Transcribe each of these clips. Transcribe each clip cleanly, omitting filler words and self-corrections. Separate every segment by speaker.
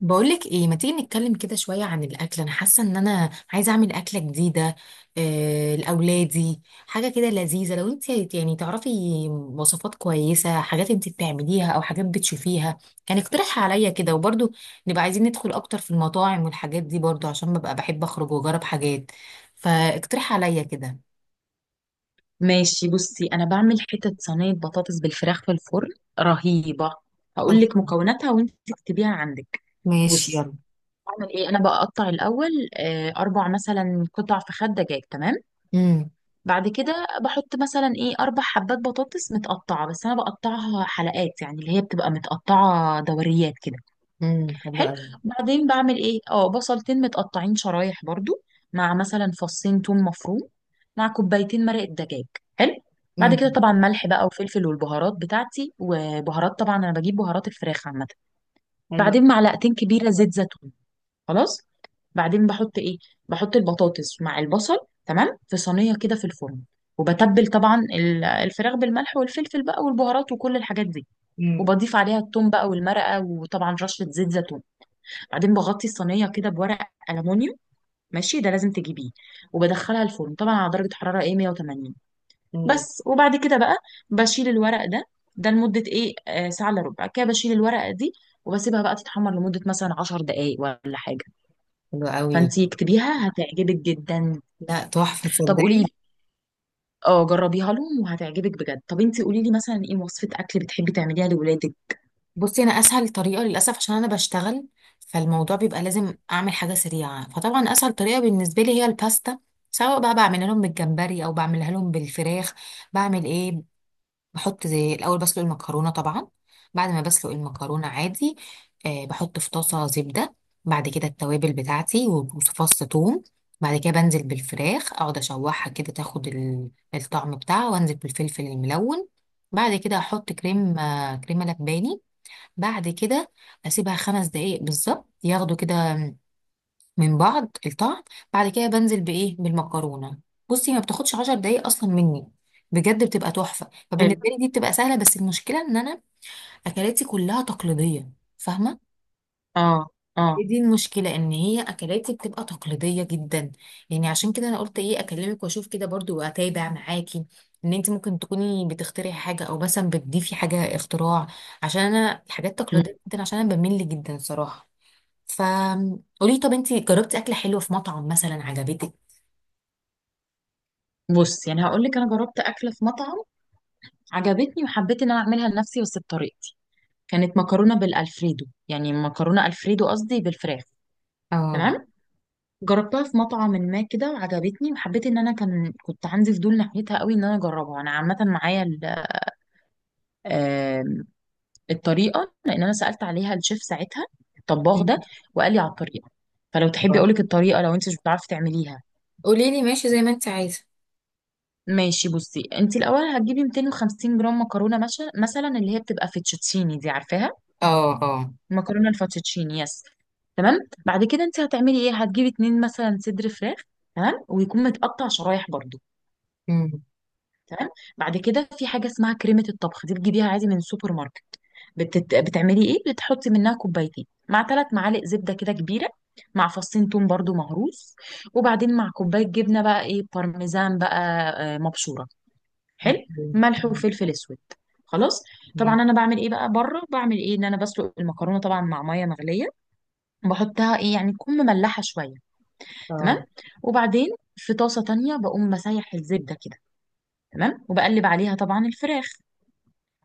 Speaker 1: بقولك ايه، ما تيجي نتكلم كده شوية عن الأكل؟ أنا حاسة إن أنا عايزة أعمل أكلة جديدة لأولادي، حاجة كده لذيذة. لو أنت يعني تعرفي وصفات كويسة، حاجات أنت بتعمليها أو حاجات بتشوفيها، يعني اقترحها عليا كده. وبرضو نبقى عايزين ندخل أكتر في المطاعم والحاجات دي، برضو عشان ببقى بحب أخرج وأجرب حاجات. فاقترح عليا كده.
Speaker 2: ماشي. بصي، انا بعمل حتة صينية بطاطس بالفراخ في الفرن، رهيبة.
Speaker 1: صح.
Speaker 2: هقول لك مكوناتها وانت تكتبيها عندك.
Speaker 1: ماشي،
Speaker 2: بصي،
Speaker 1: يلا.
Speaker 2: بعمل ايه؟ انا بقطع الاول. اربع مثلا قطع فخاد دجاج، تمام.
Speaker 1: امم
Speaker 2: بعد كده بحط مثلا ايه اربع حبات بطاطس متقطعة، بس انا بقطعها حلقات، يعني اللي هي بتبقى متقطعة دوريات كده.
Speaker 1: حلوة
Speaker 2: حلو.
Speaker 1: أوي.
Speaker 2: بعدين بعمل ايه؟ اه بصلتين متقطعين شرايح برضو، مع مثلا فصين توم مفروم، مع كوبايتين مرق الدجاج. حلو. بعد
Speaker 1: امم
Speaker 2: كده طبعا ملح بقى وفلفل والبهارات بتاعتي، وبهارات طبعا انا بجيب بهارات الفراخ عامه.
Speaker 1: حلوة.
Speaker 2: بعدين معلقتين كبيره زيت زيتون. خلاص. بعدين بحط ايه، بحط البطاطس مع البصل، تمام، في صينيه كده في الفرن. وبتبل طبعا الفراخ بالملح والفلفل بقى والبهارات وكل الحاجات دي.
Speaker 1: امم
Speaker 2: وبضيف عليها التوم بقى والمرقه، وطبعا رشه زيت زيتون. بعدين بغطي الصينيه كده بورق الومنيوم، ماشي ده لازم تجيبيه. وبدخلها الفرن طبعا على درجه حراره ايه 180
Speaker 1: امم
Speaker 2: بس. وبعد كده بقى بشيل الورق ده، ده لمده ايه آه ساعه الا ربع كده، بشيل الورقه دي وبسيبها بقى تتحمر لمده مثلا 10 دقائق ولا حاجه.
Speaker 1: حلو قوي.
Speaker 2: فانتي اكتبيها، هتعجبك جدا.
Speaker 1: لا، تحفة،
Speaker 2: طب قولي
Speaker 1: تصدقي.
Speaker 2: لي، اه جربيها لهم وهتعجبك بجد. طب انتي قولي لي مثلا ايه وصفه اكل بتحبي تعمليها لولادك؟
Speaker 1: بصي، انا اسهل طريقه للاسف عشان انا بشتغل، فالموضوع بيبقى لازم اعمل حاجه سريعه. فطبعا اسهل طريقه بالنسبه لي هي الباستا، سواء بقى بعملها لهم بالجمبري او بعملها لهم بالفراخ. بعمل ايه؟ بحط زي الاول، بسلق المكرونه طبعا. بعد ما بسلق المكرونه عادي، بحط في طاسه زبده. بعد كده التوابل بتاعتي وفص ثوم. بعد كده بنزل بالفراخ، اقعد اشوحها كده تاخد الطعم بتاعها، وانزل بالفلفل الملون. بعد كده احط كريم، كريمه لباني. بعد كده اسيبها خمس دقايق بالظبط ياخدوا كده من بعض الطعم. بعد كده بنزل بايه، بالمكرونه. بصي، ما بتاخدش عشر دقايق اصلا مني، بجد بتبقى تحفه. فبالنسبه
Speaker 2: حلو.
Speaker 1: لي دي بتبقى سهله، بس المشكله ان انا اكلاتي كلها تقليديه، فاهمه؟
Speaker 2: اه، اه.
Speaker 1: هي دي المشكله، ان هي اكلاتي بتبقى تقليديه جدا. يعني عشان كده انا قلت ايه، اكلمك واشوف كده برضو واتابع معاكي، ان انت ممكن تكوني بتخترعي حاجه او مثلا بتضيفي حاجه اختراع، عشان انا الحاجات
Speaker 2: مم.
Speaker 1: التقليديه جدا عشان انا بمل جدا صراحه. فقولي، طب انتي جربتي اكله حلوه في مطعم مثلا عجبتك؟
Speaker 2: بص، يعني هقول لك انا جربت اكله في مطعم عجبتني، وحبيت ان انا اعملها لنفسي بس بطريقتي. كانت مكرونه بالالفريدو، يعني مكرونه الفريدو قصدي، بالفراخ،
Speaker 1: اه.
Speaker 2: تمام. جربتها في مطعم ما كده وعجبتني، وحبيت ان انا كنت عندي فضول ناحيتها قوي، ان انا اجربها. انا عامه معايا آم، الطريقه، لان انا سالت عليها الشيف ساعتها، الطباخ ده، وقال لي على الطريقه. فلو تحبي اقول لك الطريقه، لو انت مش بتعرفي تعمليها.
Speaker 1: قولي لي ماشي، زي ما انت عايزه.
Speaker 2: ماشي. بصي، انت الاول هتجيبي 250 جرام مكرونه، مثلا اللي هي بتبقى فيتشوتشيني، دي عارفاها،
Speaker 1: اه. اه.
Speaker 2: مكرونه الفاتوتشيني، يس، تمام. بعد كده انت هتعملي ايه؟ هتجيبي اتنين مثلا صدر فراخ، تمام، ويكون متقطع شرايح برضو،
Speaker 1: امم
Speaker 2: تمام. بعد كده في حاجه اسمها كريمه الطبخ، دي بتجيبيها عادي من السوبر ماركت. بتعملي ايه؟ بتحطي منها كوبايتين مع ثلاث معالق زبده كده كبيره، مع فصين توم برضو مهروس. وبعدين مع كوبايه جبنه بقى ايه بارميزان بقى، مبشوره. حلو.
Speaker 1: أوكي.
Speaker 2: ملح وفلفل اسود. خلاص. طبعا
Speaker 1: أمم.
Speaker 2: انا بعمل ايه بقى بره، بعمل ايه ان انا بسلق المكرونه طبعا مع ميه مغليه، بحطها ايه يعني تكون مملحه شويه،
Speaker 1: اه.
Speaker 2: تمام. وبعدين في طاسه تانية بقوم مسيح الزبده كده، تمام، وبقلب عليها طبعا الفراخ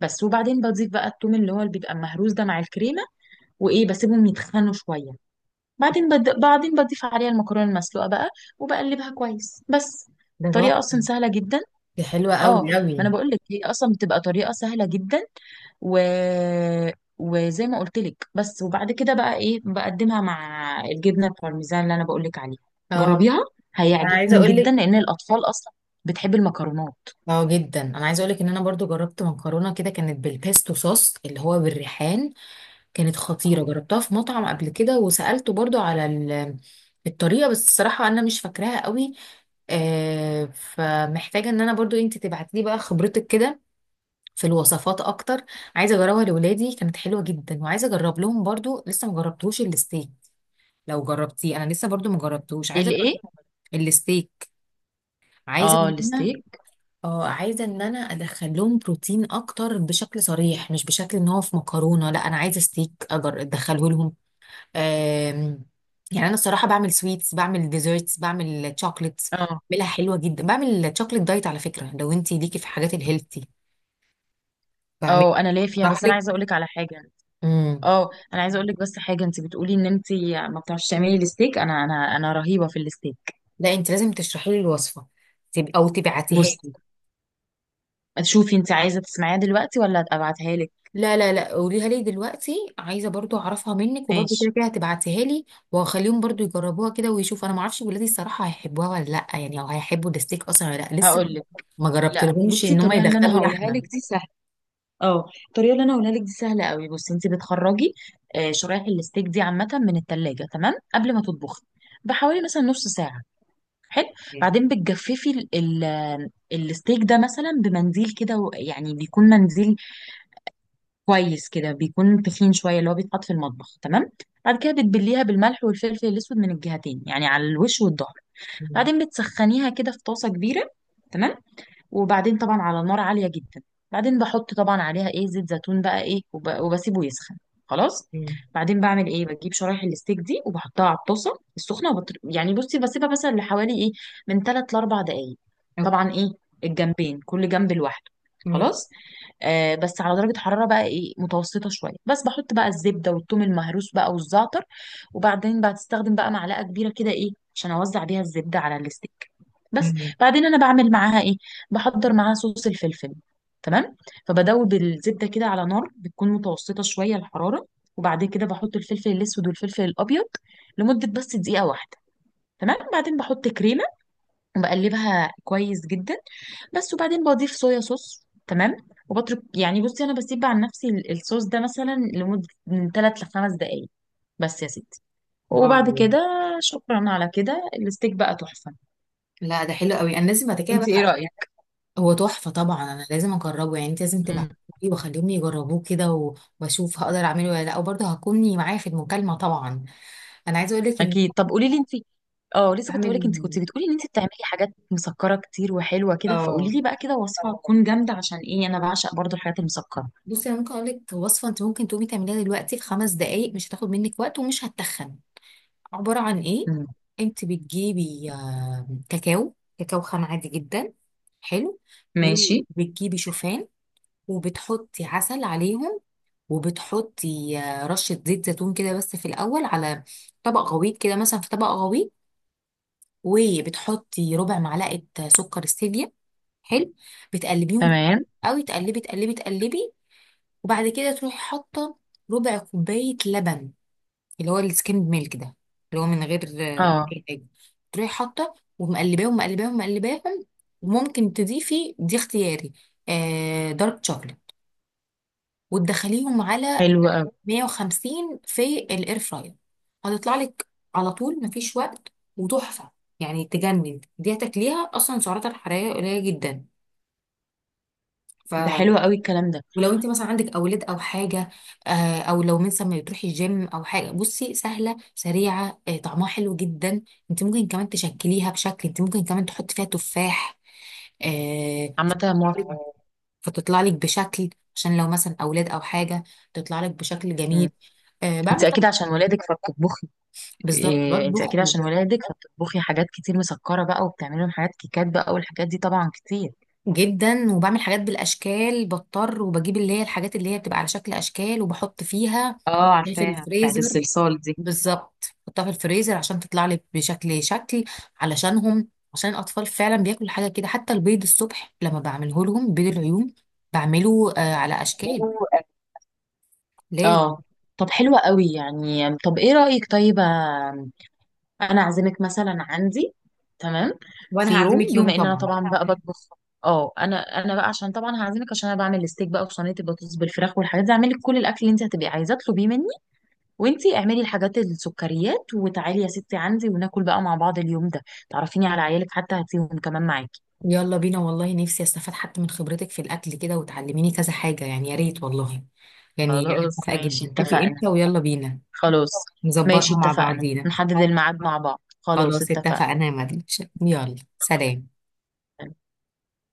Speaker 2: بس. وبعدين بضيف بقى التوم اللي هو اللي بيبقى مهروس ده مع الكريمه، وايه بسيبهم يتخنوا شويه. بعدين بعدين بضيف عليها المكرونه المسلوقه بقى وبقلبها كويس بس.
Speaker 1: ده
Speaker 2: طريقه اصلا
Speaker 1: تحفه.
Speaker 2: سهله جدا.
Speaker 1: دي حلوه
Speaker 2: اه،
Speaker 1: قوي قوي.
Speaker 2: ما انا بقول لك هي اصلا بتبقى طريقه سهله جدا. و... وزي ما قلت لك، بس وبعد كده بقى ايه بقدمها مع الجبنه البارميزان اللي انا بقول لك عليها.
Speaker 1: اه،
Speaker 2: جربيها،
Speaker 1: انا عايزه
Speaker 2: هيعجبهم
Speaker 1: اقول
Speaker 2: جدا
Speaker 1: لك.
Speaker 2: لان الاطفال اصلا بتحب المكرونات.
Speaker 1: اه جدا، انا عايزه اقولك ان انا برضو جربت مكرونه كده، كانت بالبيستو صوص اللي هو بالريحان. كانت خطيره، جربتها في مطعم قبل كده، وسالته برضو على الطريقه، بس الصراحه انا مش فاكراها قوي. فمحتاجة ان انا برضو انت تبعتي لي بقى خبرتك كده في الوصفات اكتر. عايزة اجربها لولادي، كانت حلوة جدا. وعايزة اجرب لهم برضو، لسه ما جربتوش الستيك. لو جربتيه، انا لسه برضو ما جربتوش، عايزة
Speaker 2: الايه؟
Speaker 1: أجرب الستيك. عايزة
Speaker 2: اه
Speaker 1: ان انا
Speaker 2: الستيك.
Speaker 1: اه عايزة ان انا ادخل لهم بروتين اكتر بشكل صريح، مش بشكل ان هو في مكرونة. لا، انا عايزة ستيك اجر ادخله لهم. آم، يعني انا الصراحه بعمل سويتس، بعمل ديزرتس، بعمل شوكليتس،
Speaker 2: اه،
Speaker 1: بعملها حلوه جدا. بعمل شوكليت دايت على فكره، لو انت ليكي في حاجات الهيلثي بعمل،
Speaker 2: اه انا ليا فيها،
Speaker 1: اشرح
Speaker 2: بس انا
Speaker 1: لك.
Speaker 2: عايزه اقول لك على حاجه.
Speaker 1: امم
Speaker 2: اه انا عايزه اقول لك بس حاجه، انت بتقولي ان انت ما بتعرفيش تعملي الستيك. انا انا رهيبه في الستيك.
Speaker 1: لا، انت لازم تشرحي لي الوصفه، او تبعتيها
Speaker 2: بصي،
Speaker 1: لي.
Speaker 2: شوفي، انت عايزه تسمعيها دلوقتي ولا ابعتها لك؟
Speaker 1: لا لا لا، قوليها لي دلوقتي، عايزه برضو اعرفها منك، وبرضو
Speaker 2: ماشي،
Speaker 1: كده كده هتبعتيها لي. وهخليهم برضو يجربوها كده ويشوفوا. انا ما اعرفش ولادي الصراحه هيحبوها ولا لا، يعني، او هيحبوا الستيك اصلا ولا لا، لسه
Speaker 2: هقول لك.
Speaker 1: ما
Speaker 2: لا
Speaker 1: جربتلهمش
Speaker 2: بصي،
Speaker 1: ان هم
Speaker 2: الطريقه اللي انا
Speaker 1: يدخلوا
Speaker 2: هقولها لك
Speaker 1: لحمه.
Speaker 2: دي سهله. اه، الطريقه اللي انا هقولها لك دي سهله قوي. بصي، انت بتخرجي شرايح الستيك دي عامه من التلاجة، تمام، قبل ما تطبخي بحوالي مثلا نص ساعه. حلو.
Speaker 1: مم.
Speaker 2: بعدين بتجففي الستيك ده مثلا بمنديل كده يعني بيكون منديل كويس كده، بيكون تخين شويه، اللي هو بيتحط في المطبخ، تمام. بعد كده بتبليها بالملح والفلفل الاسود من الجهتين، يعني على الوش والظهر. بعدين بتسخنيها كده في طاسه كبيره، تمام، وبعدين طبعا على نار عالية جدا. بعدين بحط طبعا عليها ايه زيت زيتون بقى ايه وبسيبه يسخن. خلاص. بعدين بعمل ايه، بجيب شرايح الستيك دي وبحطها على الطاسة السخنة، يعني بصي بسيبها مثلا لحوالي ايه من 3 ل 4 دقايق،
Speaker 1: مم.
Speaker 2: طبعا ايه الجنبين كل جنب لوحده.
Speaker 1: مم.
Speaker 2: خلاص. آه بس على درجة حرارة بقى ايه متوسطة شوية، بس بحط بقى الزبدة والثوم المهروس بقى والزعتر، وبعدين بتستخدم بقى معلقة كبيرة كده ايه عشان اوزع بيها الزبدة على الستيك بس.
Speaker 1: مم.
Speaker 2: بعدين انا بعمل معاها ايه، بحضر معاها صوص الفلفل، تمام. فبدوب الزبده كده على نار بتكون متوسطه شويه الحراره، وبعدين كده بحط الفلفل الاسود والفلفل الابيض لمده بس دقيقه واحده، تمام. بعدين بحط كريمه وبقلبها كويس جدا بس، وبعدين بضيف صويا صوص، تمام. وبترك، يعني بصي انا بسيب عن نفسي الصوص ده مثلا لمده من 3 ل 5 دقائق، بس يا ستي. وبعد
Speaker 1: واو.
Speaker 2: كده شكرا على كده، الستيك بقى تحفه.
Speaker 1: لا، ده حلو قوي، انا لازم بعد كده
Speaker 2: انت ايه
Speaker 1: بقى.
Speaker 2: رايك؟
Speaker 1: هو تحفه طبعا، انا لازم اجربه، يعني انت لازم تبعتيه، واخليهم يجربوه كده واشوف هقدر اعمله ولا لا، وبرضه هكوني معايا في المكالمه طبعا. انا عايزه اقول لك ان،
Speaker 2: اكيد. طب قولي لي انت، اه لسه كنت هقول لك انت كنت
Speaker 1: اعمل،
Speaker 2: بتقولي ان انت بتعملي حاجات مسكره كتير وحلوه كده، فقولي
Speaker 1: اه،
Speaker 2: لي بقى كده وصفه تكون جامده، عشان ايه انا بعشق برضو الحاجات المسكره.
Speaker 1: بصي، انا ممكن اقول لك وصفه انت ممكن تقومي تعمليها دلوقتي في خمس دقائق، مش هتاخد منك وقت ومش هتتخن. عباره عن ايه:
Speaker 2: مم.
Speaker 1: انت بتجيبي كاكاو، كاكاو خام عادي جدا. حلو.
Speaker 2: ماشي.
Speaker 1: وبتجيبي شوفان، وبتحطي عسل عليهم، وبتحطي رشة زيت زيتون كده، بس في الأول على طبق غويط كده، مثلا في طبق غويط. وبتحطي ربع معلقة سكر ستيفيا. حلو. بتقلبيهم
Speaker 2: تمام.
Speaker 1: قوي، تقلبي تقلبي تقلبي. وبعد كده تروحي حاطة ربع كوباية لبن، اللي هو السكيمد ميلك ده، اللي هو من غير
Speaker 2: اه.
Speaker 1: أي حاجة. تروحي حاطة، ومقلباهم مقلباهم مقلباهم. وممكن تضيفي، دي اختياري، دارك شوكليت. وتدخليهم على
Speaker 2: حلو قوي.
Speaker 1: 150 في الاير فراير. هتطلع لك على طول، مفيش وقت، وتحفه يعني، تجنن. دي تاكليها اصلا سعراتها الحراريه قليله جدا. ف،
Speaker 2: ده حلو قوي الكلام ده.
Speaker 1: ولو انت مثلا عندك اولاد او حاجه، او لو مثلا ما بتروحي الجيم او حاجه، بصي، سهله، سريعه، طعمها حلو جدا. انت ممكن كمان تشكليها بشكل، انت ممكن كمان تحطي فيها تفاح، آه،
Speaker 2: عامه موافقه.
Speaker 1: فتطلع لك بشكل، عشان لو مثلا اولاد او حاجه، تطلع لك بشكل جميل.
Speaker 2: مم. انت
Speaker 1: بعمل
Speaker 2: اكيد
Speaker 1: طبعا،
Speaker 2: عشان ولادك فبتطبخي
Speaker 1: بالظبط
Speaker 2: إيه؟ انت
Speaker 1: بطبخ
Speaker 2: اكيد عشان ولادك فبتطبخي حاجات كتير مسكره بقى، وبتعملي لهم حاجات كيكات بقى والحاجات دي طبعا كتير.
Speaker 1: جدا، وبعمل حاجات بالاشكال، بضطر وبجيب اللي هي الحاجات اللي هي بتبقى على شكل اشكال، وبحط فيها
Speaker 2: اه
Speaker 1: في
Speaker 2: عارفاها بتاعت
Speaker 1: الفريزر،
Speaker 2: الصلصال دي.
Speaker 1: بالظبط بحطها في الفريزر عشان تطلع لي بشكل، شكل، علشانهم، عشان الاطفال فعلا بياكلوا حاجه كده. حتى البيض الصبح لما بعمله لهم، بيض العيون، بعمله على اشكال،
Speaker 2: حلو.
Speaker 1: لازم.
Speaker 2: اه. طب حلوة قوي يعني، طب ايه رأيك؟ طيب، انا اعزمك مثلا عندي، تمام، في
Speaker 1: وانا
Speaker 2: يوم
Speaker 1: هعزمك يوم
Speaker 2: بما ان انا
Speaker 1: طبعا.
Speaker 2: طبعا بقى بطبخ. اه انا بقى عشان طبعا هعزمك، عشان انا بعمل الستيك بقى وصينيه البطاطس بالفراخ والحاجات دي، اعمل لك كل الاكل اللي انت هتبقي عايزاه اطلبيه مني. وانتي اعملي الحاجات السكريات وتعالي يا ستي عندي، وناكل بقى مع بعض اليوم ده. تعرفيني على عيالك حتى، هاتيهم كمان معاكي.
Speaker 1: يلا بينا والله، نفسي استفاد حتى من خبرتك في الاكل كده، وتعلميني كذا حاجه، يعني يا ريت والله. يعني أنا
Speaker 2: خلاص
Speaker 1: موافقه
Speaker 2: ماشي
Speaker 1: جدا، شوفي
Speaker 2: اتفقنا.
Speaker 1: امتى ويلا بينا.
Speaker 2: خلاص.
Speaker 1: نظبطها
Speaker 2: ماشي
Speaker 1: مع
Speaker 2: اتفقنا،
Speaker 1: بعضينا.
Speaker 2: نحدد الميعاد مع بعض، خلاص
Speaker 1: خلاص
Speaker 2: اتفقنا.
Speaker 1: اتفقنا يا مدينة. يلا سلام.